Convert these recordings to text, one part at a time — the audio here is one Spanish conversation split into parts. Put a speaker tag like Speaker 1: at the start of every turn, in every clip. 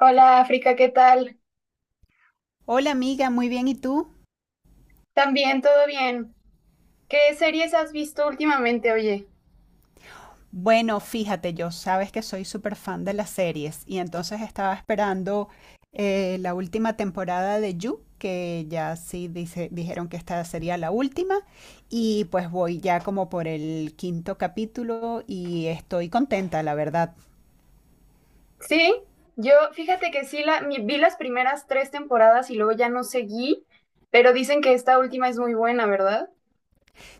Speaker 1: Hola África, ¿qué tal?
Speaker 2: Hola amiga, muy bien, ¿y tú?
Speaker 1: También todo bien. ¿Qué series has visto últimamente, oye?
Speaker 2: Bueno, fíjate, yo sabes que soy súper fan de las series y entonces estaba esperando la última temporada de You, que ya sí dijeron que esta sería la última y pues voy ya como por el quinto capítulo y estoy contenta, la verdad.
Speaker 1: Sí, yo fíjate que sí vi las primeras tres temporadas y luego ya no seguí, pero dicen que esta última es muy buena, ¿verdad?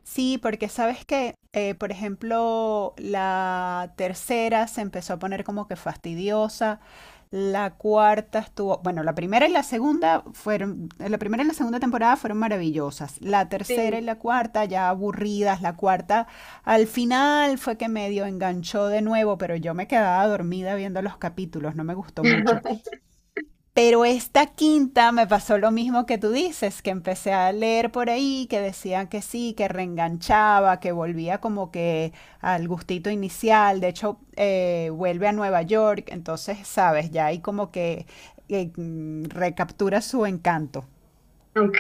Speaker 2: Sí, porque sabes que, por ejemplo, la tercera se empezó a poner como que fastidiosa, bueno, la primera y la segunda temporada fueron maravillosas, la tercera
Speaker 1: Sí.
Speaker 2: y la cuarta ya aburridas, la cuarta al final fue que medio enganchó de nuevo, pero yo me quedaba dormida viendo los capítulos, no me gustó mucho. Pero esta quinta me pasó lo mismo que tú dices, que empecé a leer por ahí, que decían que sí, que reenganchaba, que volvía como que al gustito inicial, de hecho vuelve a Nueva York, entonces, sabes, ya ahí como que recaptura su encanto.
Speaker 1: Ok,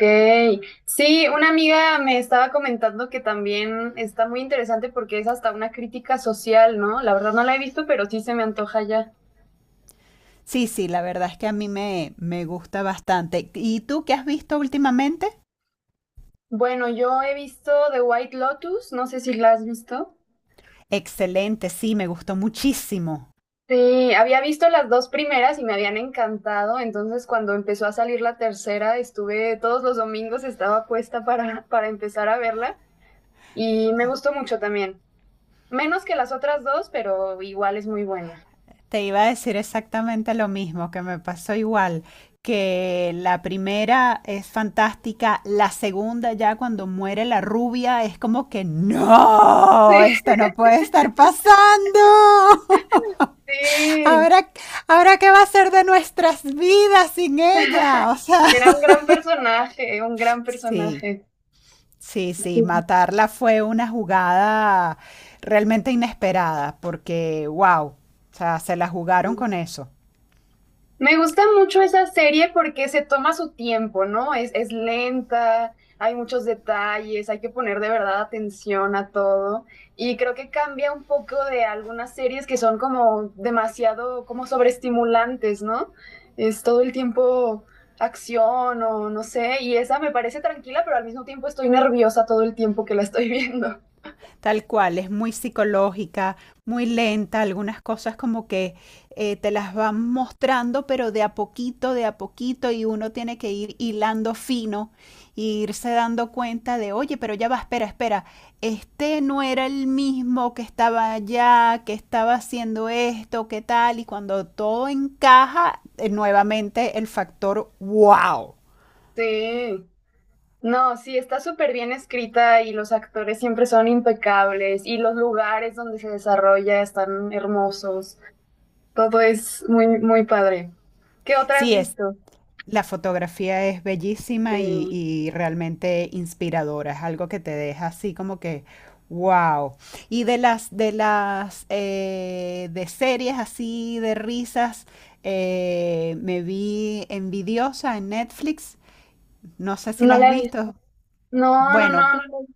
Speaker 1: sí, una amiga me estaba comentando que también está muy interesante porque es hasta una crítica social, ¿no? La verdad no la he visto, pero sí se me antoja ya.
Speaker 2: Sí, sí, la verdad es que a mí me gusta bastante. ¿Y tú qué has visto últimamente?
Speaker 1: Bueno, yo he visto The White Lotus, no sé si la has visto.
Speaker 2: Excelente, sí, me gustó muchísimo.
Speaker 1: Sí, había visto las dos primeras y me habían encantado, entonces cuando empezó a salir la tercera, estuve todos los domingos, estaba puesta para empezar a verla y me gustó mucho también. Menos que las otras dos, pero igual es muy buena.
Speaker 2: Te iba a decir exactamente lo mismo, que me pasó igual, que la primera es fantástica, la segunda ya cuando muere la rubia es como que
Speaker 1: Sí,
Speaker 2: no, esto no puede estar pasando.
Speaker 1: sí,
Speaker 2: Ahora, ahora qué va a ser de nuestras vidas sin ella, o sea,
Speaker 1: era un gran personaje, un gran
Speaker 2: sí,
Speaker 1: personaje.
Speaker 2: sí, sí, matarla fue una jugada realmente inesperada, porque wow, o sea, se la jugaron con eso.
Speaker 1: Me gusta mucho esa serie porque se toma su tiempo, ¿no? Es lenta, hay muchos detalles, hay que poner de verdad atención a todo. Y creo que cambia un poco de algunas series que son como demasiado, como sobreestimulantes, ¿no? Es todo el tiempo acción o no sé. Y esa me parece tranquila, pero al mismo tiempo estoy nerviosa todo el tiempo que la estoy viendo.
Speaker 2: Tal cual, es muy psicológica, muy lenta, algunas cosas como que te las van mostrando, pero de a poquito, y uno tiene que ir hilando fino e irse dando cuenta de, oye, pero ya va, espera, espera, este no era el mismo que estaba allá, que estaba haciendo esto, qué tal, y cuando todo encaja, nuevamente el factor wow.
Speaker 1: Sí. No, sí, está súper bien escrita y los actores siempre son impecables y los lugares donde se desarrolla están hermosos. Todo es muy, muy padre. ¿Qué otra has
Speaker 2: Sí, es
Speaker 1: visto?
Speaker 2: la fotografía es bellísima y,
Speaker 1: Sí.
Speaker 2: realmente inspiradora, es algo que te deja así como que, wow. Y de series así, de risas, me vi Envidiosa en Netflix, no sé si la
Speaker 1: No
Speaker 2: has
Speaker 1: la he visto.
Speaker 2: visto.
Speaker 1: No, no, no,
Speaker 2: Bueno,
Speaker 1: no.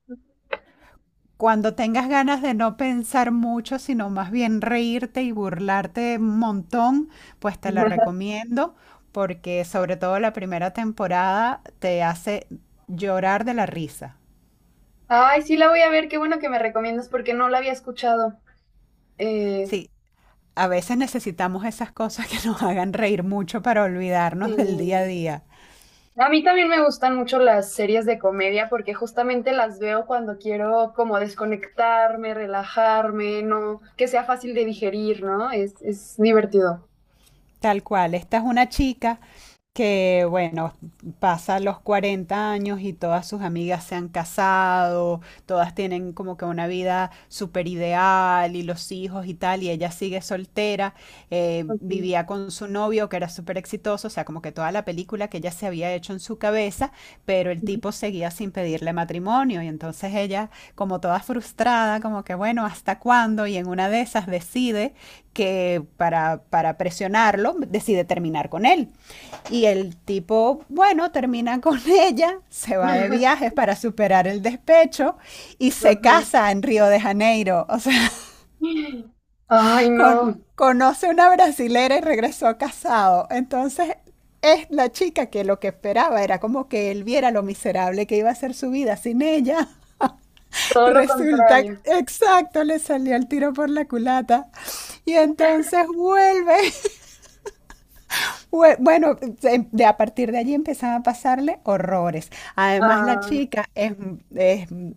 Speaker 2: cuando tengas ganas de no pensar mucho, sino más bien reírte y burlarte un montón, pues te la
Speaker 1: La he visto.
Speaker 2: recomiendo porque sobre todo la primera temporada te hace llorar de la risa.
Speaker 1: Ay, sí la voy a ver, qué bueno que me recomiendas porque no la había escuchado. Eh,
Speaker 2: Sí, a veces necesitamos esas cosas que nos hagan reír mucho para olvidarnos del día a
Speaker 1: Sí.
Speaker 2: día.
Speaker 1: A mí también me gustan mucho las series de comedia porque justamente las veo cuando quiero como desconectarme, relajarme, no, que sea fácil de digerir, ¿no? Es divertido.
Speaker 2: Tal cual, esta es una chica que, bueno, pasa los 40 años y todas sus amigas se han casado, todas tienen como que una vida súper ideal y los hijos y tal, y ella sigue soltera,
Speaker 1: Ok.
Speaker 2: vivía con su novio que era súper exitoso, o sea, como que toda la película que ella se había hecho en su cabeza, pero el tipo seguía sin pedirle matrimonio y entonces ella como toda frustrada, como que bueno, ¿hasta cuándo? Y en una de esas decide que para presionarlo, decide terminar con él. Y el tipo, bueno, termina con ella, se va de viajes para superar el despecho y se
Speaker 1: Ajá.
Speaker 2: casa en Río de Janeiro, o sea,
Speaker 1: Ay, no,
Speaker 2: con, conoce una brasilera y regresó casado. Entonces es la chica que lo que esperaba era como que él viera lo miserable que iba a ser su vida sin ella.
Speaker 1: todo lo
Speaker 2: Resulta,
Speaker 1: contrario.
Speaker 2: exacto, le salió el tiro por la culata. Y entonces vuelve. Bue- Bueno, de a partir de allí empezaban a pasarle horrores. Además, la
Speaker 1: Ah.
Speaker 2: chica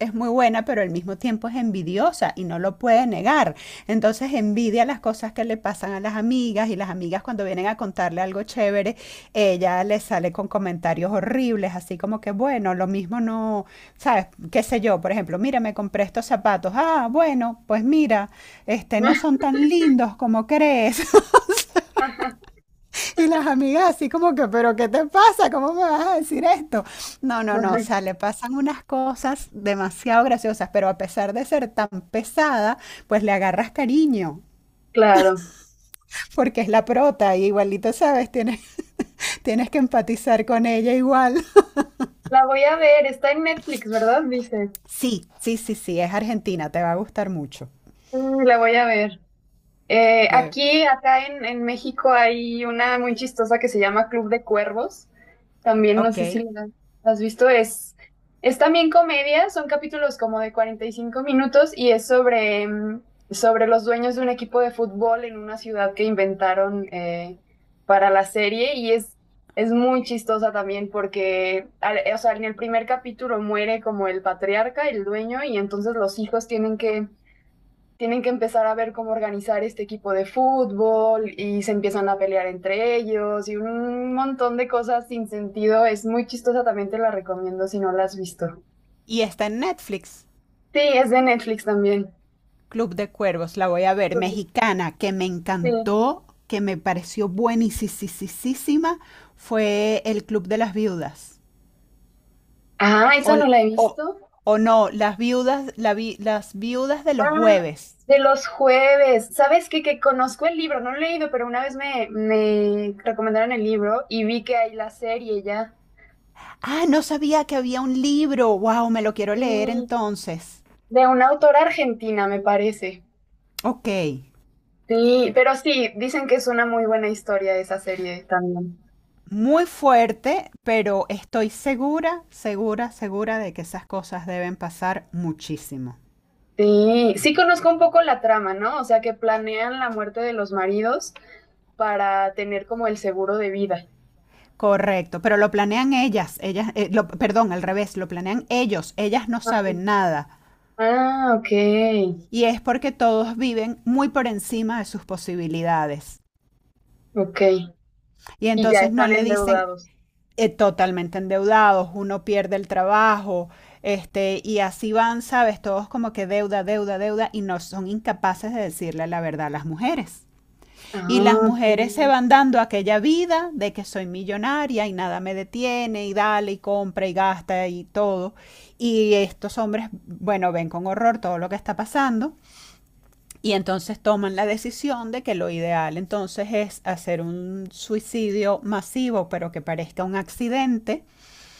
Speaker 2: es muy buena, pero al mismo tiempo es envidiosa y no lo puede negar. Entonces envidia las cosas que le pasan a las amigas y las amigas cuando vienen a contarle algo chévere, ella le sale con comentarios horribles, así como que, bueno, lo mismo no, ¿sabes? Qué sé yo, por ejemplo, mira, me compré estos zapatos. Ah, bueno, pues mira, este, no son tan lindos como crees. Y las amigas así como que, pero ¿qué te pasa? ¿Cómo me vas a decir esto? No, no, no, o sea, le pasan unas cosas demasiado graciosas, pero a pesar de ser tan pesada, pues le agarras cariño,
Speaker 1: Claro.
Speaker 2: porque es la prota y igualito, ¿sabes? Tienes que empatizar con ella igual.
Speaker 1: La voy a ver, está en Netflix, ¿verdad? Dice.
Speaker 2: Sí, sí, sí, sí, es Argentina, te va a gustar mucho.
Speaker 1: Mm, la voy a ver.
Speaker 2: De,
Speaker 1: Aquí, acá en México hay una muy chistosa que se llama Club de Cuervos. También no
Speaker 2: ok.
Speaker 1: sé si la has visto. Es también comedia, son capítulos como de 45 minutos y es sobre, sobre los dueños de un equipo de fútbol en una ciudad que inventaron para la serie y es muy chistosa también porque, o sea, en el primer capítulo muere como el patriarca, el dueño, y entonces los hijos tienen que empezar a ver cómo organizar este equipo de fútbol y se empiezan a pelear entre ellos y un montón de cosas sin sentido. Es muy chistosa, también te la recomiendo si no la has visto.
Speaker 2: Y está en Netflix.
Speaker 1: Sí, es de Netflix también.
Speaker 2: Club de Cuervos, la voy a ver, mexicana, que me
Speaker 1: Sí.
Speaker 2: encantó, que me pareció buenísima, fue el Club de las Viudas.
Speaker 1: Ah,
Speaker 2: O,
Speaker 1: esa no la he
Speaker 2: o,
Speaker 1: visto.
Speaker 2: o No, las viudas de los
Speaker 1: Ah,
Speaker 2: jueves.
Speaker 1: de los jueves. ¿Sabes qué? Que conozco el libro, no lo he leído, pero una vez me recomendaron el libro y vi que hay la serie ya.
Speaker 2: Ah, no sabía que había un libro. Wow, me lo quiero
Speaker 1: Sí.
Speaker 2: leer entonces.
Speaker 1: De una autora argentina, me parece.
Speaker 2: Ok.
Speaker 1: Sí, pero sí, dicen que es una muy buena historia esa serie también.
Speaker 2: Muy fuerte, pero estoy segura, segura, segura de que esas cosas deben pasar muchísimo.
Speaker 1: Sí, sí conozco un poco la trama, ¿no? O sea, que planean la muerte de los maridos para tener como el seguro de vida.
Speaker 2: Correcto, pero lo planean ellas, perdón, al revés, lo planean ellos, ellas no saben nada.
Speaker 1: Ah, ok,
Speaker 2: Y es porque todos viven muy por encima de sus posibilidades.
Speaker 1: ok.
Speaker 2: Y
Speaker 1: Y ya
Speaker 2: entonces no
Speaker 1: están
Speaker 2: le dicen
Speaker 1: endeudados.
Speaker 2: totalmente endeudados, uno pierde el trabajo, este, y así van, sabes, todos como que deuda, deuda, deuda, y no son incapaces de decirle la verdad a las mujeres. Y las
Speaker 1: Ah,
Speaker 2: mujeres se
Speaker 1: sí.
Speaker 2: van dando aquella vida de que soy millonaria y nada me detiene y dale y compra y gasta y todo. Y estos hombres, bueno, ven con horror todo lo que está pasando y entonces toman la decisión de que lo ideal entonces es hacer un suicidio masivo, pero que parezca un accidente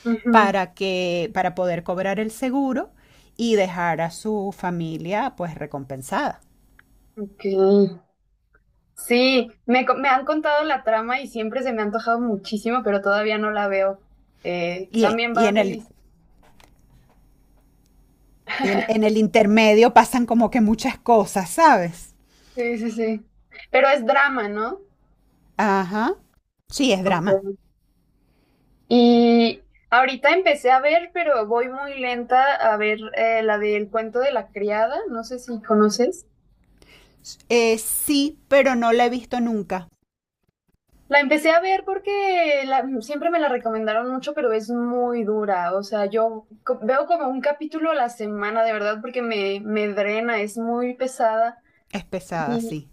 Speaker 1: Ujú,
Speaker 2: para que para poder cobrar el seguro y dejar a su familia pues recompensada.
Speaker 1: ok. Sí, me han contado la trama y siempre se me ha antojado muchísimo, pero todavía no la veo.
Speaker 2: Y,
Speaker 1: También
Speaker 2: y
Speaker 1: va a
Speaker 2: en
Speaker 1: mi
Speaker 2: el,
Speaker 1: lista.
Speaker 2: en el intermedio pasan como que muchas cosas, ¿sabes?
Speaker 1: Sí, sí, sí. Pero es drama, ¿no?
Speaker 2: Ajá. Sí, es drama.
Speaker 1: Ok. Y ahorita empecé a ver, pero voy muy lenta a ver la del cuento de la criada, no sé si conoces.
Speaker 2: Sí, pero no la he visto nunca.
Speaker 1: La empecé a ver porque siempre me la recomendaron mucho, pero es muy dura. O sea, veo como un capítulo a la semana, de verdad, porque me drena, es muy pesada.
Speaker 2: Es pesada,
Speaker 1: Y
Speaker 2: sí.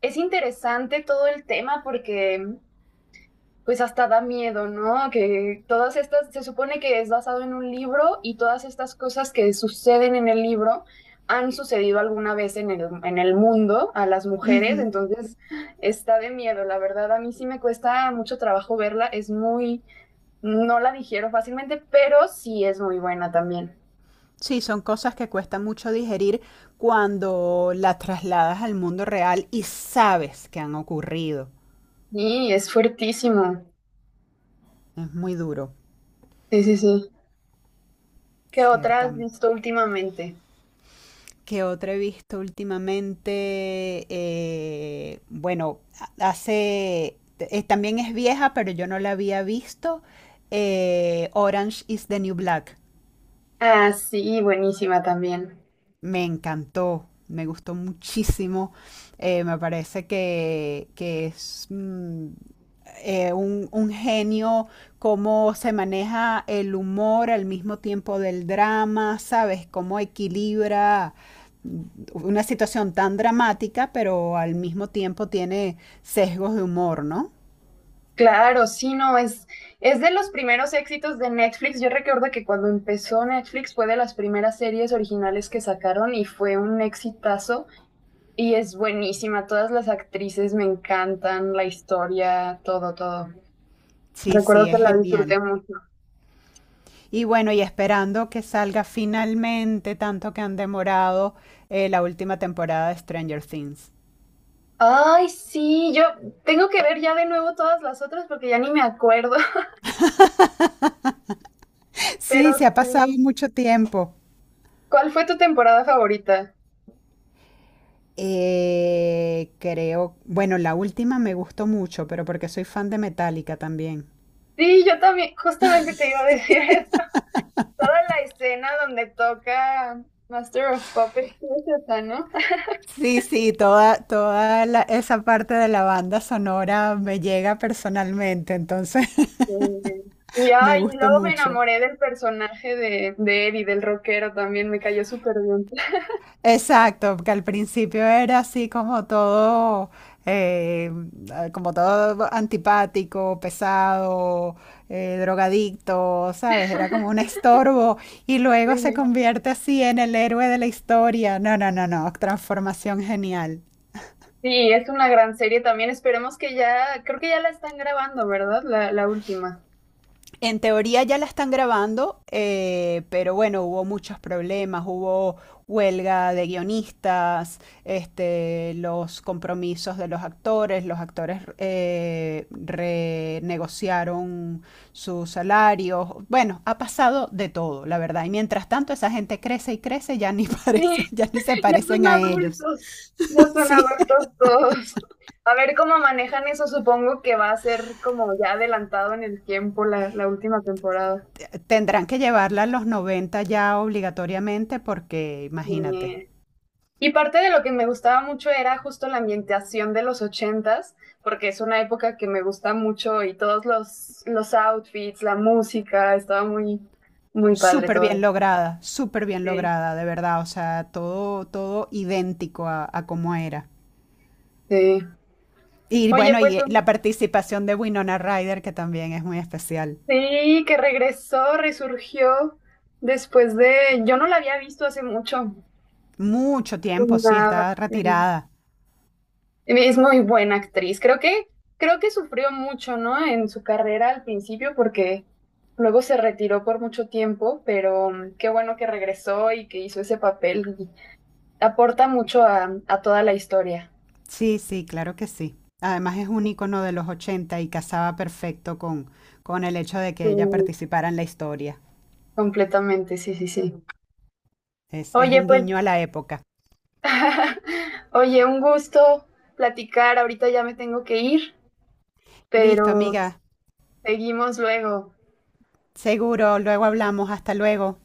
Speaker 1: es interesante todo el tema porque pues hasta da miedo, ¿no? Que todas estas, se supone que es basado en un libro y todas estas cosas que suceden en el libro han sucedido alguna vez en el mundo a las mujeres,
Speaker 2: Ujú.
Speaker 1: entonces está de miedo, la verdad, a mí sí me cuesta mucho trabajo verla, es muy, no la digiero fácilmente, pero sí es muy buena también.
Speaker 2: Sí, son cosas que cuesta mucho digerir cuando la trasladas al mundo real y sabes que han ocurrido.
Speaker 1: Y es fuertísimo.
Speaker 2: Es muy duro,
Speaker 1: Sí, sí, sí. ¿Qué otra has
Speaker 2: ciertamente.
Speaker 1: visto últimamente?
Speaker 2: Que otra he visto últimamente? Bueno, hace. También es vieja, pero yo no la había visto. Orange is the New Black.
Speaker 1: Ah, sí, buenísima también.
Speaker 2: Me encantó, me gustó muchísimo. Me parece que es un genio, cómo se maneja el humor al mismo tiempo del drama, ¿sabes? Cómo equilibra una situación tan dramática, pero al mismo tiempo tiene sesgos de humor, ¿no?
Speaker 1: Claro, sí, no, es de los primeros éxitos de Netflix. Yo recuerdo que cuando empezó Netflix fue de las primeras series originales que sacaron y fue un exitazo y es buenísima. Todas las actrices me encantan, la historia, todo, todo.
Speaker 2: Sí,
Speaker 1: Recuerdo
Speaker 2: sí,
Speaker 1: que
Speaker 2: es
Speaker 1: la
Speaker 2: genial.
Speaker 1: disfruté mucho.
Speaker 2: Y bueno, y esperando que salga finalmente, tanto que han demorado la última temporada de Stranger Things.
Speaker 1: Ay, sí, yo tengo que ver ya de nuevo todas las otras porque ya ni me acuerdo, pero
Speaker 2: Sí, se ha
Speaker 1: sí.
Speaker 2: pasado mucho tiempo.
Speaker 1: ¿Cuál fue tu temporada favorita?
Speaker 2: Creo, bueno, la última me gustó mucho, pero porque soy fan de Metallica también.
Speaker 1: Sí, yo también, justamente te iba a decir eso. Toda la escena donde toca Master of Puppets es esa, ¿no?
Speaker 2: Sí, sí, esa parte de la banda sonora me llega personalmente, entonces
Speaker 1: Eh, y
Speaker 2: me
Speaker 1: ay, y
Speaker 2: gustó
Speaker 1: luego me
Speaker 2: mucho.
Speaker 1: enamoré del personaje de Eddie, del rockero también, me cayó súper bien.
Speaker 2: Exacto, que al principio era así eh, como todo antipático, pesado, drogadicto, ¿sabes? Era como un estorbo y luego se convierte así en el héroe de la historia. No, no, no, no, transformación genial.
Speaker 1: Sí, es una gran serie también. Esperemos que ya, creo que ya la están grabando, ¿verdad? La última.
Speaker 2: En teoría ya la están grabando, pero bueno, hubo muchos problemas, hubo huelga de guionistas, este, los compromisos de los actores, renegociaron sus salarios, bueno, ha pasado de todo, la verdad. Y mientras tanto esa gente crece y crece, ya ni
Speaker 1: Sí,
Speaker 2: parece, ya ni se
Speaker 1: ya son
Speaker 2: parecen a ellos.
Speaker 1: adultos, ya son
Speaker 2: Sí,
Speaker 1: adultos todos. A ver cómo manejan eso, supongo que va a ser como ya adelantado en el tiempo la última temporada.
Speaker 2: tendrán que llevarla a los 90 ya obligatoriamente porque imagínate.
Speaker 1: Bien. Y parte de lo que me gustaba mucho era justo la ambientación de los ochentas, porque es una época que me gusta mucho y todos los outfits, la música, estaba muy, muy padre todo.
Speaker 2: Súper bien
Speaker 1: Sí,
Speaker 2: lograda, de verdad, o sea, todo idéntico a cómo era.
Speaker 1: sí.
Speaker 2: Y
Speaker 1: Oye,
Speaker 2: bueno, y la participación de Winona Ryder, que también es muy especial.
Speaker 1: sí, que regresó, resurgió después de, yo no la había visto hace mucho.
Speaker 2: Mucho tiempo, sí,
Speaker 1: Nada.
Speaker 2: está retirada.
Speaker 1: Es muy buena actriz. Creo que sufrió mucho, ¿no? En su carrera al principio, porque luego se retiró por mucho tiempo, pero mm, qué bueno que regresó y que hizo ese papel. Y aporta mucho a toda la historia.
Speaker 2: Sí, sí, claro que sí. Además es un icono de los 80 y casaba perfecto con el hecho de que
Speaker 1: Sí,
Speaker 2: ella participara en la historia.
Speaker 1: completamente, sí, sí, sí.
Speaker 2: Es
Speaker 1: Oye,
Speaker 2: un
Speaker 1: pues,
Speaker 2: guiño a la época.
Speaker 1: oye, un gusto platicar. Ahorita ya me tengo que ir,
Speaker 2: Listo,
Speaker 1: pero
Speaker 2: amiga.
Speaker 1: seguimos luego.
Speaker 2: Seguro, luego hablamos. Hasta luego.